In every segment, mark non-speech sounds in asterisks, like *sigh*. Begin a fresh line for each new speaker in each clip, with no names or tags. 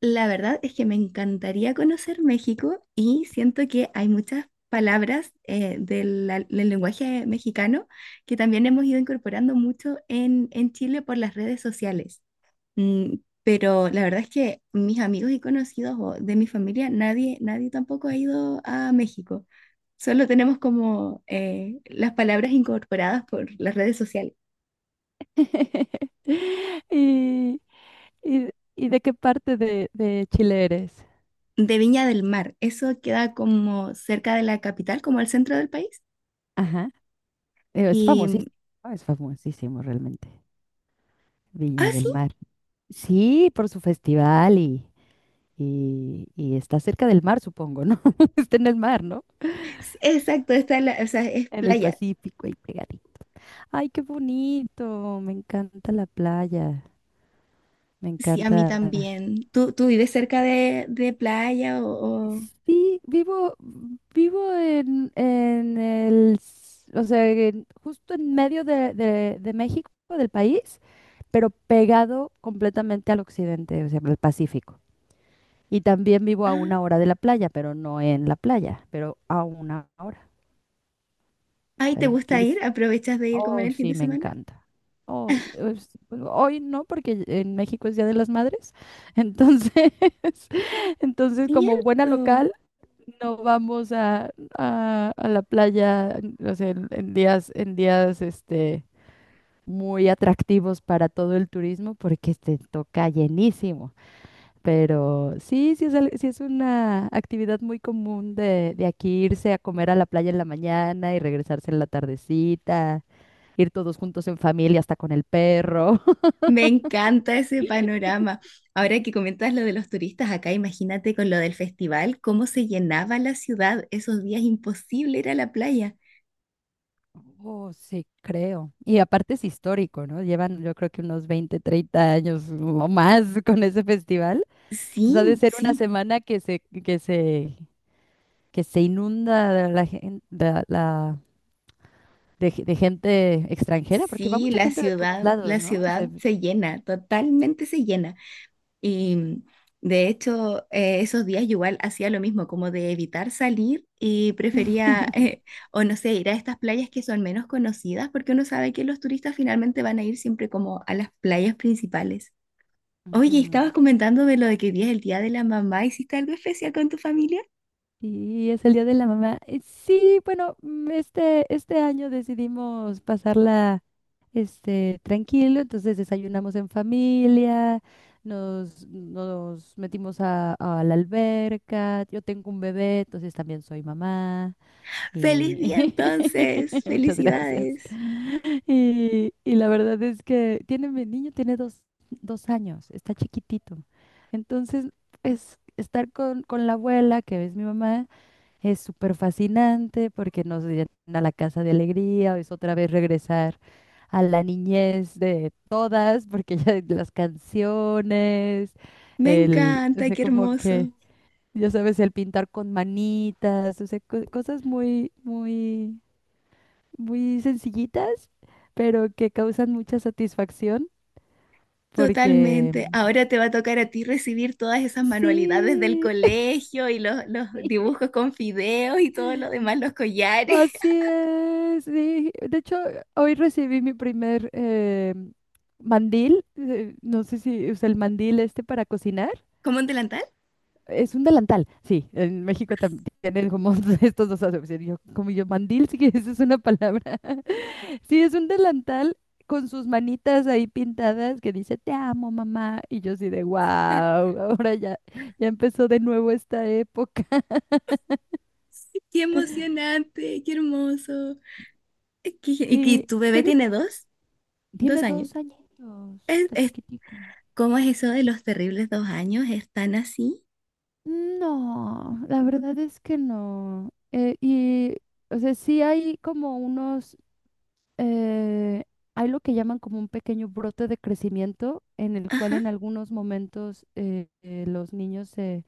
La verdad es que me encantaría conocer México y siento que hay muchas palabras del lenguaje mexicano que también hemos ido incorporando mucho en Chile por las redes sociales. Mm, pero la verdad es que mis amigos y conocidos o de mi familia, nadie tampoco ha ido a México. Solo tenemos como las palabras incorporadas por las redes sociales.
*laughs* Y, y, y de qué parte de Chile eres?
De Viña del Mar, eso queda como cerca de la capital, como al centro del país.
Ajá. Es
Y
famosísimo, ¿no? Es famosísimo realmente.
ah,
Viña
sí,
del Mar. Sí, por su festival y está cerca del mar, supongo, ¿no? *laughs* Está en el mar, ¿no?
exacto, está en la, o sea, es
En el
playa.
Pacífico, ahí pegadito. Ay, qué bonito. Me encanta la playa. Me
Sí, a mí
encanta.
también. Tú vives cerca de playa o?
Sí, vivo en el, o sea, justo en medio de México, del país, pero pegado completamente al occidente, o sea, al Pacífico. Y también vivo a
Ah,
1 hora de la playa, pero no en la playa, pero a 1 hora. O
ay,
sea,
¿te
que
gusta
es.
ir? ¿Aprovechas de ir como en
Oh,
el fin de
sí, me
semana?
encanta. Oh, pues, hoy no, porque en México es Día de las Madres. Entonces, *laughs* como buena
Cierto.
local, no vamos a la playa, o sea, en días, muy atractivos para todo el turismo, porque te toca llenísimo. Pero sí, sí es una actividad muy común de aquí irse a comer a la playa en la mañana y regresarse en la tardecita, ir todos juntos en familia, hasta con el perro. *laughs*
Me encanta ese panorama. Ahora que comentas lo de los turistas acá, imagínate con lo del festival, cómo se llenaba la ciudad. Esos días imposible ir a la playa.
Oh, sí, creo. Y aparte es histórico, ¿no? Llevan yo creo que unos 20, 30 años o más *laughs* con ese festival. Entonces
Sí,
ha de ser una
sí,
semana que se inunda de la, gen- de, la- de ge- de gente extranjera, porque va
sí,
mucha gente de todos lados,
la
¿no? O sea,
ciudad se llena, totalmente se llena. Y de hecho, esos días yo igual hacía lo mismo, como de evitar salir y prefería, o no sé, ir a estas playas que son menos conocidas, porque uno sabe que los turistas finalmente van a ir siempre como a las playas principales. Oye,
ujú.
estabas comentando de lo de que día es el día de la mamá, ¿hiciste algo especial con tu familia?
Y es el Día de la Mamá. Sí, bueno, este año decidimos pasarla tranquilo, entonces desayunamos en familia, nos metimos a la alberca, yo tengo un bebé, entonces también soy mamá
*laughs* ¡Feliz
y
día entonces!
*laughs* muchas gracias.
¡Felicidades!
Y la verdad es que mi niño tiene dos años, está chiquitito, entonces es estar con la abuela, que es mi mamá, es súper fascinante porque nos llena la casa de alegría, es otra vez regresar a la niñez de todas, porque ya *laughs* las canciones,
Me
o
encanta,
sea,
qué
como que,
hermoso.
ya sabes, el pintar con manitas, o sea, cosas muy, muy, muy sencillitas, pero que causan mucha satisfacción porque
Totalmente. Ahora te va a tocar a ti recibir todas esas manualidades del
sí.
colegio y los
*laughs*
dibujos con fideos y todo lo demás, los collares.
Así es, sí. De hecho, hoy recibí mi primer mandil. No sé si usa el mandil este para cocinar.
*laughs* ¿Como un delantal?
Es un delantal, sí. En México también tienen como *laughs* estos dos acepciones. Yo, como yo, mandil, sí, *laughs* que esa es una palabra. *laughs* Sí, es un delantal con sus manitas ahí pintadas que dice, te amo, mamá. Y yo así de, wow, ahora ya empezó de nuevo esta época.
*laughs* Qué emocionante, qué hermoso. Qué-
*laughs*
¿Y, y
Y
tu bebé
ustedes,
tiene dos? Dos
tiene
años.
2 añitos,
Es,
está
es-
chiquitico.
¿Cómo es eso de los terribles dos años? ¿Están así?
No, la verdad es que no. Y, o sea, sí hay como eh, hay lo que llaman como un pequeño brote de crecimiento en el cual
Ajá.
en algunos momentos los niños,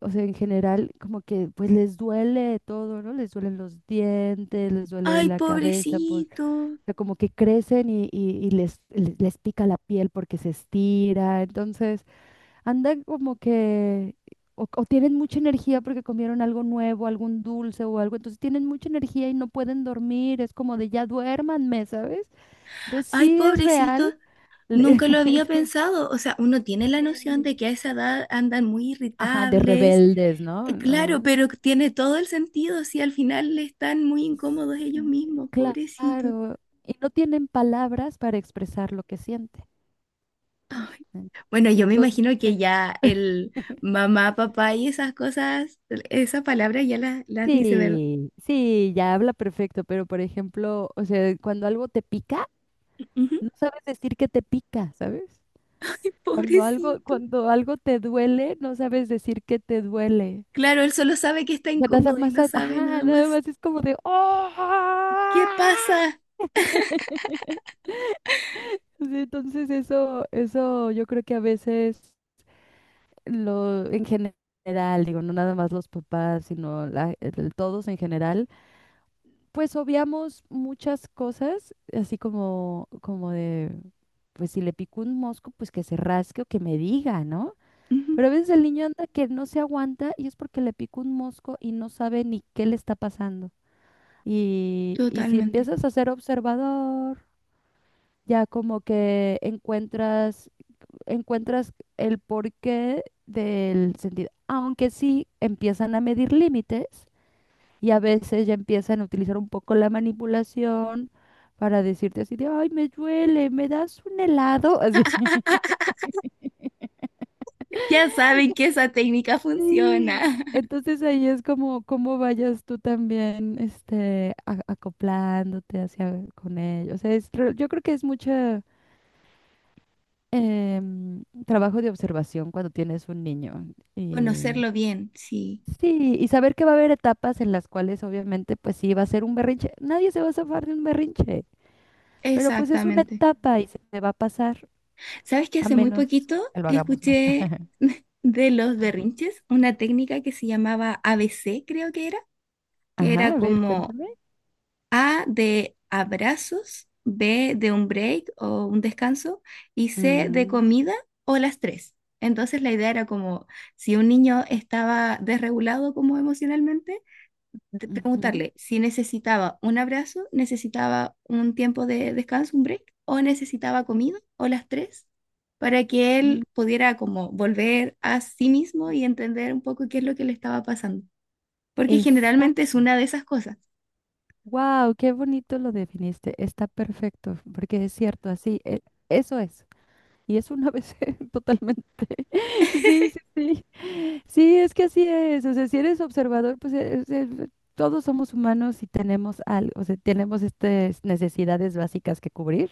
o sea, en general, como que pues les duele todo, ¿no? Les duelen los dientes, les duele
Ay,
la cabeza,
pobrecito.
o sea, como que crecen y les pica la piel porque se estira. Entonces andan como que, o tienen mucha energía porque comieron algo nuevo, algún dulce o algo, entonces tienen mucha energía y no pueden dormir, es como de ya duérmanme, ¿sabes? Entonces
Ay,
sí es real.
pobrecito.
le-
Nunca lo había
*laughs*
pensado, o sea, uno tiene
sí,
la noción
sí.
de que a esa edad andan muy
Ajá, de
irritables,
rebeldes, ¿no?
claro,
No.
pero tiene todo el sentido si al final están muy incómodos ellos
Sí,
mismos, pobrecitos.
claro, y no tienen palabras para expresar lo que sienten.
Ay,
en-
bueno, yo me
Entonces,
imagino que ya
*laughs*
el mamá, papá y esas cosas, esas palabras ya las dice, ¿verdad?
sí, sí, ya habla perfecto, pero por ejemplo, o sea, cuando algo te pica,
Ujú.
no sabes decir que te pica, ¿sabes?
*laughs* Ay,
Cuando algo,
pobrecito.
cuando algo te duele, no sabes decir que te duele.
Claro, él solo sabe que está
O sea, nada
incómodo y
más,
no sabe
ajá,
nada
nada
más.
más es como de, ¡oh!
¿Qué pasa?
Sí, entonces eso yo creo que a veces en general, digo, no nada más los papás, sino todos en general, pues obviamos muchas cosas, así como de, pues si le picó un mosco, pues que se rasque o que me diga, ¿no?
Ujú,
Pero a veces el niño anda que no se aguanta y es porque le picó un mosco y no sabe ni qué le está pasando. Y si
totalmente.
empiezas a ser observador, ya como que encuentras el porqué del sentido. Aunque sí empiezan a medir límites y a veces ya empiezan a utilizar un poco la manipulación para decirte así de, ay, me duele, me das un helado, *laughs* así.
Ya saben que esa técnica
Sí,
funciona. *laughs*
entonces ahí es como cómo vayas tú también acoplándote hacia con ellos. O sea, es yo creo que es mucho trabajo de observación cuando tienes un niño y
Conocerlo bien, sí,
sí, y saber que va a haber etapas en las cuales obviamente pues sí va a ser un berrinche. Nadie se va a zafar de un berrinche, pero pues es una
exactamente.
etapa y se te va a pasar
¿Sabes que
a
hace muy
menos
poquito
que lo hagamos mal.
escuché *laughs* de los berrinches una técnica que se llamaba ABC creo que
Ajá,
era
a ver,
como
cuéntame.
A de abrazos, B de un break o un descanso y C de
Mm.
comida o las tres? Entonces la idea era como si un niño estaba desregulado como emocionalmente, de
Ujú.
preguntarle si necesitaba un abrazo, necesitaba un tiempo de descanso, un break, o necesitaba comida, o las tres, para que
Mm.
él pudiera como volver a sí mismo y entender un poco qué es lo que le estaba pasando. Porque generalmente es
Exacto.
una de esas cosas.
Wow, qué bonito lo definiste. Está perfecto, porque es cierto, así, eso es. Y es una vez *laughs* totalmente. *laughs* Sí, sí, sí. Sí, es que así es. O sea, si eres observador, pues todos somos humanos y tenemos algo, o sea, tenemos estas necesidades básicas que cubrir.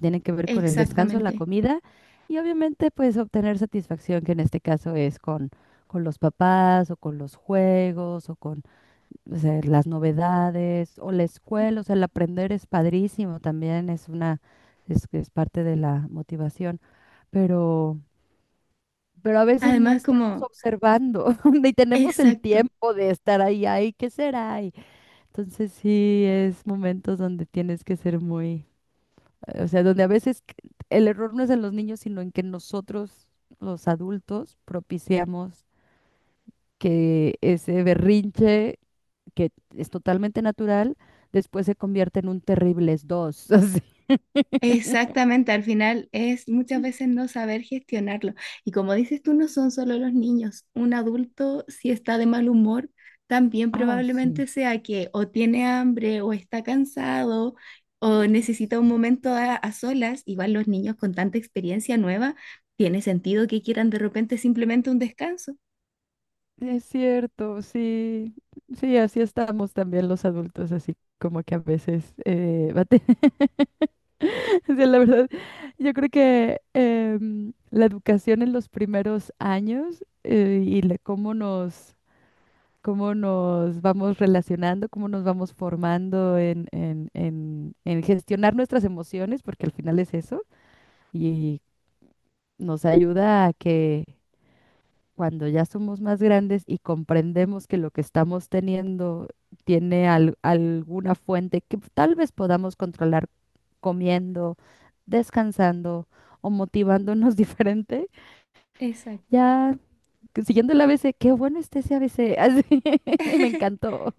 Tienen que ver con el descanso, la
Exactamente.
comida y obviamente pues obtener satisfacción, que en este caso es con los papás o con los juegos, o sea, las novedades o la escuela, o sea, el aprender es padrísimo también, es parte de la motivación, pero, pero a veces no
Además,
estamos
como,
observando *laughs* ni tenemos el
exacto.
tiempo de estar ahí, ay, ¿qué será? Y entonces sí, es momentos donde tienes que ser muy, o sea, donde a veces el error no es en los niños, sino en que nosotros, los adultos, propiciamos que ese berrinche, que es totalmente natural, después se convierte en un terribles dos. *laughs* Así.
Exactamente, al final es muchas veces no saber gestionarlo. Y como dices tú, no son solo los niños. Un adulto, si está de mal humor, también
Ah, oh, sí.
probablemente sea que o tiene hambre o está cansado o
Es
necesita un momento a solas. Igual los niños con tanta experiencia nueva, tiene sentido que quieran de repente simplemente un descanso.
es cierto, sí. Sí, así estamos también los adultos, así como que a veces *laughs* O sea, la verdad, yo creo que la educación en los primeros años, y cómo nos vamos relacionando, cómo nos vamos formando en gestionar nuestras emociones, porque al final es eso, y nos ayuda a que cuando ya somos más grandes y comprendemos que lo que estamos teniendo tiene alguna fuente que tal vez podamos controlar comiendo, descansando o motivándonos *laughs* diferente,
Exacto.
ya siguiendo el ABC, qué bueno está ese ABC, *laughs* así, me encantó.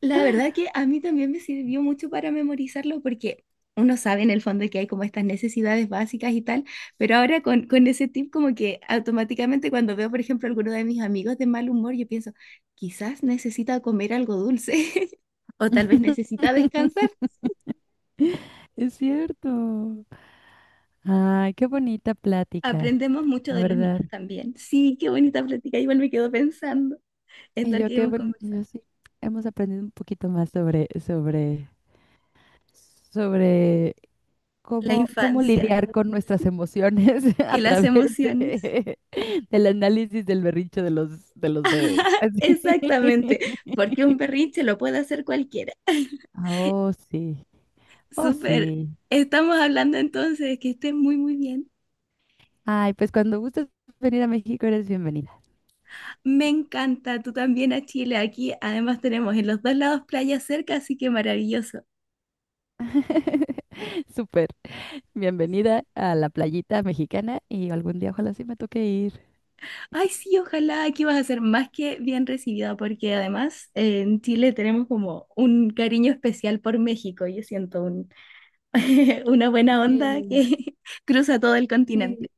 La verdad que a mí también me sirvió mucho para memorizarlo porque uno sabe en el fondo que hay como estas necesidades básicas y tal, pero ahora con ese tip como que automáticamente cuando veo, por ejemplo, alguno de mis amigos de mal humor, yo pienso, quizás necesita comer algo dulce *laughs* o tal vez necesita descansar.
*laughs* Es cierto. Ay, qué bonita plática,
Aprendemos mucho
la
de los
verdad.
niños también. Sí, qué bonita plática. Igual me quedo pensando en
Y
lo
yo
que
qué
hemos
boni- y
conversado.
yo sí, hemos aprendido un poquito más sobre
La
cómo
infancia
lidiar con nuestras emociones *laughs* a
y las
través
emociones.
de, del análisis del berrinche de los bebés.
*laughs*
Así.
Exactamente,
*laughs*
porque un berrinche lo puede hacer cualquiera. *laughs*
Ah, oh, sí. Oh,
Súper.
sí.
Estamos hablando entonces, que estés muy, muy bien.
Ay, pues cuando gustes venir a México eres bienvenida.
Me encanta, tú también a Chile. Aquí además tenemos en los dos lados playas cerca, así que maravilloso.
*laughs* Súper. Bienvenida a la playita mexicana y algún día ojalá sí me toque ir.
Ay, sí, ojalá aquí vas a ser más que bien recibida, porque además en Chile tenemos como un cariño especial por México. Yo siento un- *laughs* una buena onda
Eh,
que *laughs* cruza todo el continente.
Sí,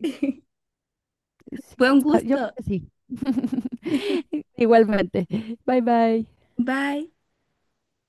sí,
Fue un
ah, yo creo
gusto.
que sí.
*laughs*
*laughs* Igualmente. Bye bye.
Bye.